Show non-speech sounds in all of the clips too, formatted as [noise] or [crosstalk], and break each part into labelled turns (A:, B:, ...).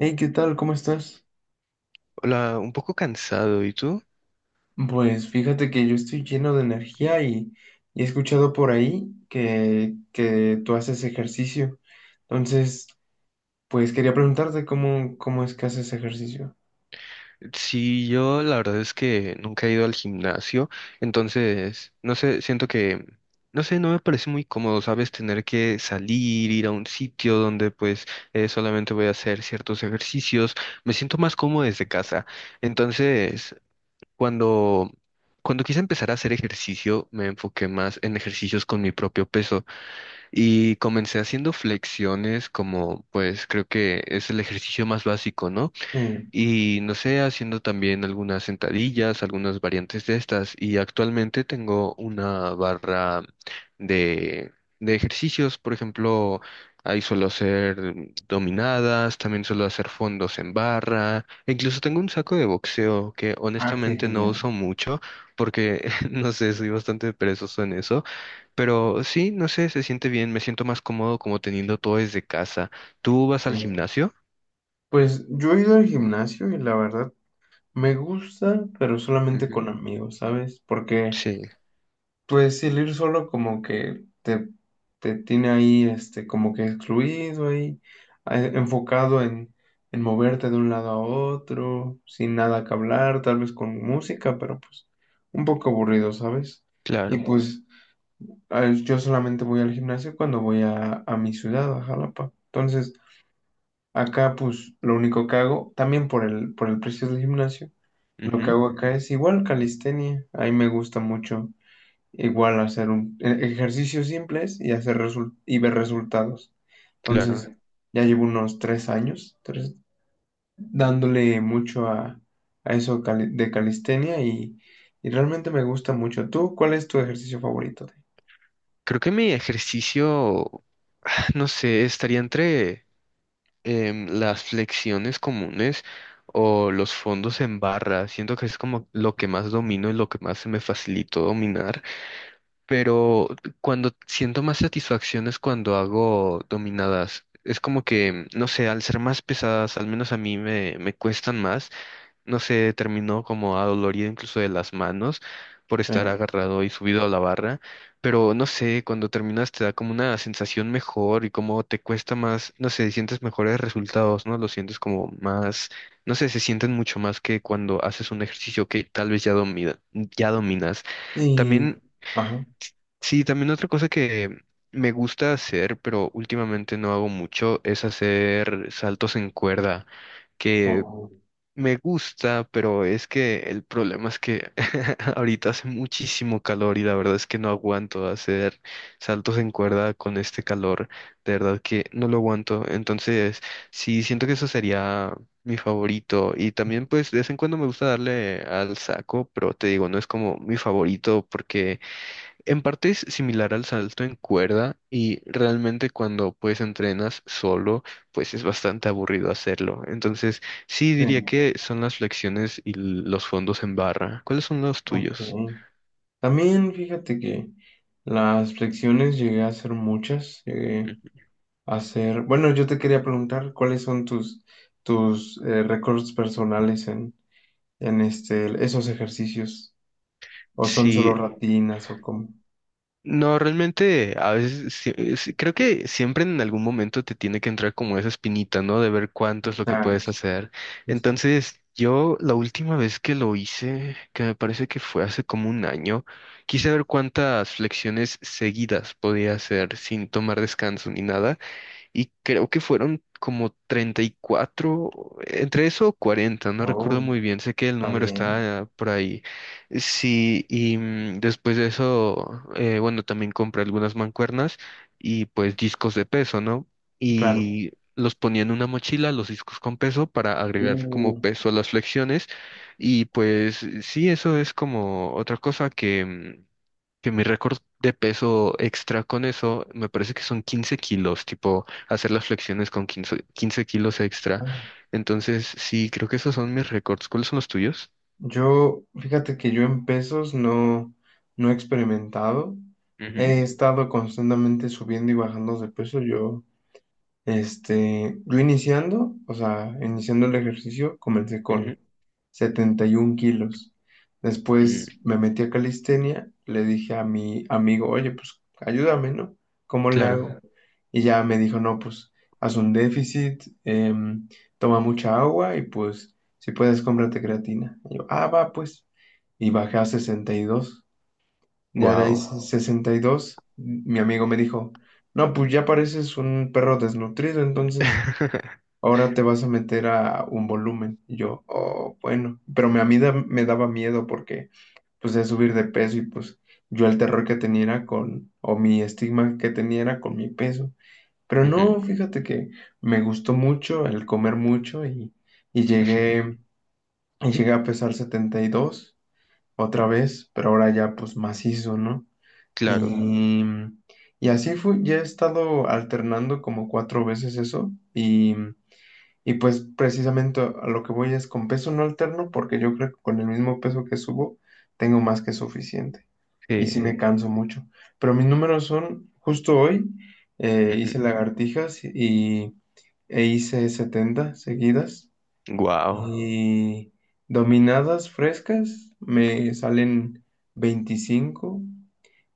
A: Hey, ¿qué tal? ¿Cómo estás?
B: Hola, un poco cansado, ¿y tú?
A: Pues fíjate que yo estoy lleno de energía y he escuchado por ahí que tú haces ejercicio. Entonces, pues quería preguntarte cómo es que haces ejercicio.
B: Sí, yo la verdad es que nunca he ido al gimnasio, entonces, no sé, siento que, no sé, no me parece muy cómodo, ¿sabes? Tener que salir, ir a un sitio donde pues solamente voy a hacer ciertos ejercicios, me siento más cómodo desde casa. Entonces, cuando, cuando quise empezar a hacer ejercicio, me enfoqué más en ejercicios con mi propio peso. Y comencé haciendo flexiones como, pues creo que es el ejercicio más básico, ¿no?
A: Sí.
B: Y no sé, haciendo también algunas sentadillas, algunas variantes de estas. Y actualmente tengo una barra de, de ejercicios, por ejemplo, ahí suelo hacer dominadas, también suelo hacer fondos en barra, e incluso tengo un saco de boxeo que
A: Ah, qué
B: honestamente no
A: genial.
B: uso mucho porque, [laughs] no sé, soy bastante perezoso en eso, pero sí, no sé, se siente bien, me siento más cómodo como teniendo todo desde casa. ¿Tú vas al
A: Sí.
B: gimnasio?
A: Pues yo he ido al gimnasio y la verdad me gusta, pero solamente
B: Ujú.
A: con amigos, ¿sabes? Porque
B: Sí,
A: pues el ir solo como que te tiene ahí, este, como que excluido ahí, enfocado en moverte de un lado a otro, sin nada que hablar, tal vez con música, pero pues un poco aburrido, ¿sabes? Y
B: claro.
A: pues yo solamente voy al gimnasio cuando voy a mi ciudad, a Jalapa. Entonces, acá pues lo único que hago, también por por el precio del gimnasio, lo que
B: Ujú,
A: hago acá es igual calistenia, ahí me gusta mucho. Igual hacer ejercicios simples y y ver resultados.
B: claro.
A: Entonces, ya llevo unos 3 años dándole mucho a eso, de calistenia, y realmente me gusta mucho. ¿Tú cuál es tu ejercicio favorito?
B: Creo que mi ejercicio, ah, no sé, estaría entre las flexiones comunes o los fondos en barra. Siento que es como lo que más domino y lo que más se me facilitó dominar. Pero cuando siento más satisfacción es cuando hago dominadas. Es como que, no sé, al ser más pesadas, al menos a mí me cuestan más. No sé, terminó como adolorido incluso de las manos por estar
A: Sí.
B: agarrado y subido a la barra, pero no sé, cuando terminas te da como una sensación mejor y como te cuesta más, no sé, sientes mejores resultados, ¿no? Lo sientes como más, no sé, se sienten mucho más que cuando haces un ejercicio que tal vez ya dominas.
A: Y...
B: También,
A: Ajá.
B: sí, también otra cosa que me gusta hacer, pero últimamente no hago mucho, es hacer saltos en cuerda que
A: Oh,
B: me gusta, pero es que el problema es que [laughs] ahorita hace muchísimo calor y la verdad es que no aguanto hacer saltos en cuerda con este calor. De verdad que no lo aguanto. Entonces, sí, siento que eso sería mi favorito. Y también, pues, de vez en cuando me gusta darle al saco, pero te digo, no es como mi favorito porque en parte es similar al salto en cuerda y realmente cuando pues entrenas solo, pues es bastante aburrido hacerlo. Entonces, sí diría
A: sí.
B: que son las flexiones y los fondos en barra. ¿Cuáles son los
A: Ok.
B: tuyos?
A: También fíjate que las flexiones llegué a hacer muchas. Llegué
B: Ujú.
A: hacer. Bueno, yo te quería preguntar cuáles son tus récords personales en este, esos ejercicios. ¿O son solo
B: Sí,
A: rutinas o cómo?
B: no, realmente a veces creo que siempre en algún momento te tiene que entrar como esa espinita, ¿no? De ver cuánto es lo que puedes
A: Exacto.
B: hacer.
A: Justo.
B: Entonces, yo la última vez que lo hice, que me parece que fue hace como un año, quise ver cuántas flexiones seguidas podía hacer sin tomar descanso ni nada y creo que fueron como 34 entre eso o 40, no recuerdo
A: Oh,
B: muy bien, sé que el
A: está
B: número
A: bien.
B: está por ahí. Sí, y después de eso, bueno, también compré algunas mancuernas y pues discos de peso, ¿no?
A: Claro.
B: Y los ponía en una mochila, los discos con peso, para agregar como
A: Uh,
B: peso a las flexiones. Y pues sí, eso es como otra cosa que que mi récord de peso extra con eso me parece que son 15 kilos, tipo hacer las flexiones con quince kilos extra.
A: ah.
B: Entonces, sí, creo que esos son mis récords. ¿Cuáles son los tuyos?
A: Yo, fíjate que yo en pesos no, no he experimentado. He estado constantemente subiendo y bajando de peso. Yo, este, yo iniciando, o sea, iniciando el ejercicio, comencé
B: Ujú,
A: con
B: ujú,
A: 71 kilos. Después
B: mm,
A: me metí a calistenia, le dije a mi amigo, oye, pues ayúdame, ¿no? ¿Cómo le hago?
B: claro.
A: Claro. Y ya me dijo, no, pues haz un déficit, toma mucha agua y pues si puedes cómprate creatina. Y yo, ah, va, pues. Y bajé a 62. Ya de ahí
B: Wow.
A: 62, mi amigo me dijo, no, pues ya pareces un perro desnutrido, entonces
B: [laughs]
A: ahora te vas a meter a un volumen. Y yo, oh, bueno, pero a mí, me daba miedo porque pues es subir de peso y pues yo, el terror que tenía era con, o mi estigma que tenía era con mi peso. Pero no, fíjate que me gustó mucho el comer mucho y llegué a pesar 72 otra vez, pero ahora ya pues macizo, ¿no? Claro.
B: Claro.
A: Y así fue, ya he estado alternando como cuatro veces eso. Y pues precisamente a lo que voy es con peso no alterno porque yo creo que con el mismo peso que subo tengo más que suficiente. Y
B: Sí.
A: sí me canso mucho. Pero mis números son, justo hoy, hice lagartijas e hice 70 seguidas.
B: Wow.
A: Wow. Y dominadas frescas me salen 25.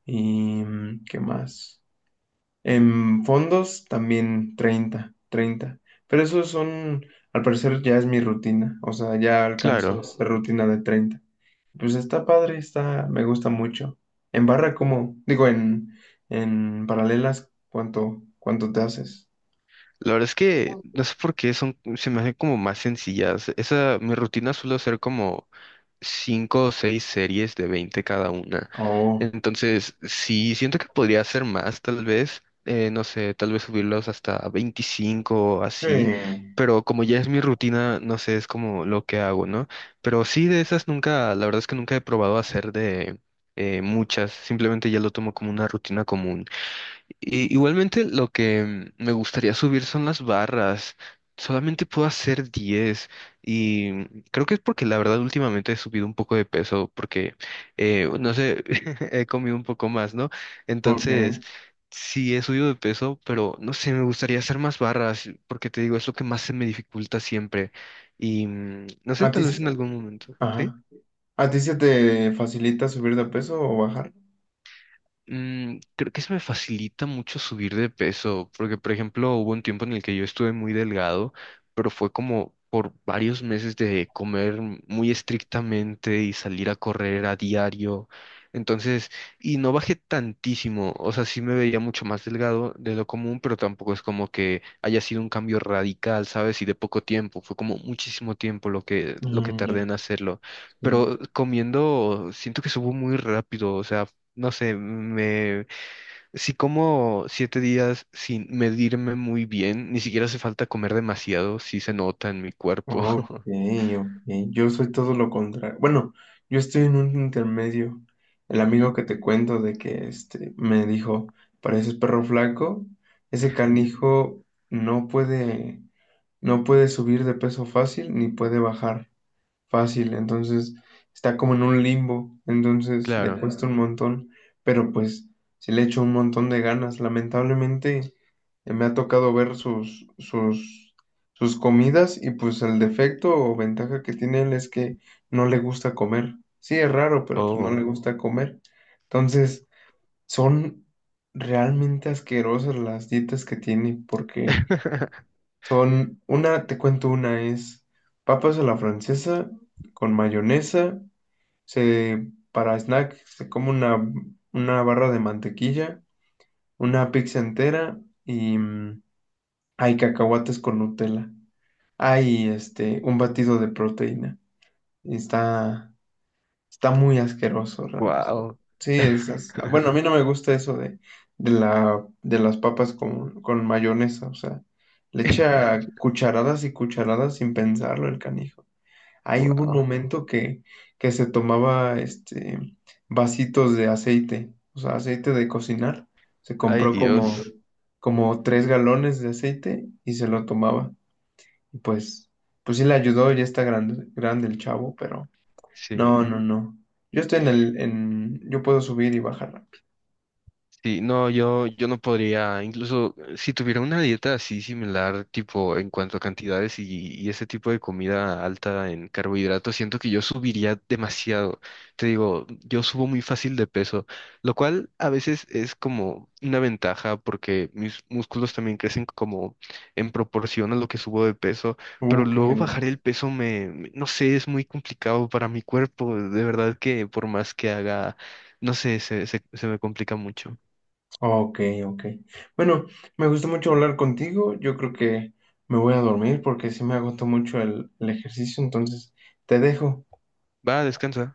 A: ¿Y mm, qué más? En fondos también treinta. Pero esos son, al parecer, ya es mi rutina, o sea, ya alcanzo
B: Claro.
A: esa rutina de 30. Pues está padre, está, me gusta mucho. En barra, ¿cómo? Digo, en paralelas, ¿cuánto te haces?
B: La verdad es que no sé por qué son, se me hacen como más sencillas. Esa, mi rutina suele ser como cinco o seis series de 20 cada una.
A: Oh,
B: Entonces, sí, siento que podría hacer más, tal vez, no sé, tal vez subirlos hasta 25 o así,
A: sí,
B: pero como ya es mi rutina, no sé, es como lo que hago, ¿no? Pero sí, de esas nunca, la verdad es que nunca he probado hacer de muchas, simplemente ya lo tomo como una rutina común. Igualmente lo que me gustaría subir son las barras. Solamente puedo hacer 10 y creo que es porque la verdad últimamente he subido un poco de peso porque, no sé, [laughs] he comido un poco más, ¿no? Entonces,
A: ok.
B: sí he subido de peso, pero no sé, me gustaría hacer más barras porque te digo, es lo que más se me dificulta siempre y no sé,
A: ¿A ti,
B: tal vez
A: se-
B: en algún momento, ¿sí?
A: ajá. ¿A ti se te facilita subir de peso o bajar?
B: Creo que se me facilita mucho subir de peso, porque por ejemplo hubo un tiempo en el que yo estuve muy delgado, pero fue como por varios meses de comer muy estrictamente y salir a correr a diario. Entonces, y no bajé tantísimo, o sea, sí me veía mucho más delgado de lo común, pero tampoco es como que haya sido un cambio radical, ¿sabes? Y de poco tiempo, fue como muchísimo tiempo lo que
A: Mm,
B: tardé
A: ya.
B: en hacerlo. Pero comiendo, siento que subo muy rápido, o sea, no sé, me, si como 7 días sin medirme muy bien, ni siquiera hace falta comer demasiado, sí se nota en mi cuerpo.
A: Ok,
B: [laughs]
A: ok. Yo soy todo lo contrario. Bueno, yo estoy en un intermedio. El amigo
B: Ujú,
A: que te cuento de que este me dijo, pareces perro flaco, ese canijo no puede, no puede subir de peso fácil ni puede bajar fácil, entonces está como en un limbo, entonces le
B: claro.
A: cuesta un montón, pero pues sí le echo un montón de ganas. Lamentablemente, me ha tocado ver sus comidas y pues el defecto o ventaja que tiene él es que no le gusta comer. Sí, es raro, pero pues no le
B: Oh.
A: gusta comer. Entonces son realmente asquerosas las dietas que tiene porque...
B: [laughs]
A: Son una, te cuento una, es papas a la francesa con mayonesa. Se, para snack se come una barra de mantequilla, una pizza entera y mm, hay cacahuates con Nutella. Hay este, un batido de proteína. Está, está muy asqueroso realmente.
B: Wow.
A: Sí, es,
B: [laughs]
A: bueno, a mí no me gusta eso de, de las papas con mayonesa, o sea, le echa cucharadas y cucharadas sin pensarlo el canijo. Ahí hubo un
B: Wow.
A: momento que se tomaba este, vasitos de aceite, o sea, aceite de cocinar. Se
B: Ay,
A: compró
B: Dios.
A: como 3 galones de aceite y se lo tomaba. Y pues, pues sí le ayudó, ya está grande, grande el chavo, pero no,
B: Sí.
A: no, no. Yo estoy en yo puedo subir y bajar rápido.
B: Sí, no, yo no podría, incluso si tuviera una dieta así similar, tipo en cuanto a cantidades y ese tipo de comida alta en carbohidratos, siento que yo subiría demasiado. Te digo, yo subo muy fácil de peso, lo cual a veces es como una ventaja porque mis músculos también crecen como en proporción a lo que subo de peso, pero
A: Qué
B: luego bajar
A: genial.
B: el peso no sé, es muy complicado para mi cuerpo, de verdad que por más que haga, no sé, se me complica mucho.
A: Ok, ok. Bueno, me gustó mucho hablar contigo. Yo creo que me voy a dormir porque sí me agotó mucho el ejercicio. Entonces, te dejo.
B: Va, descansa.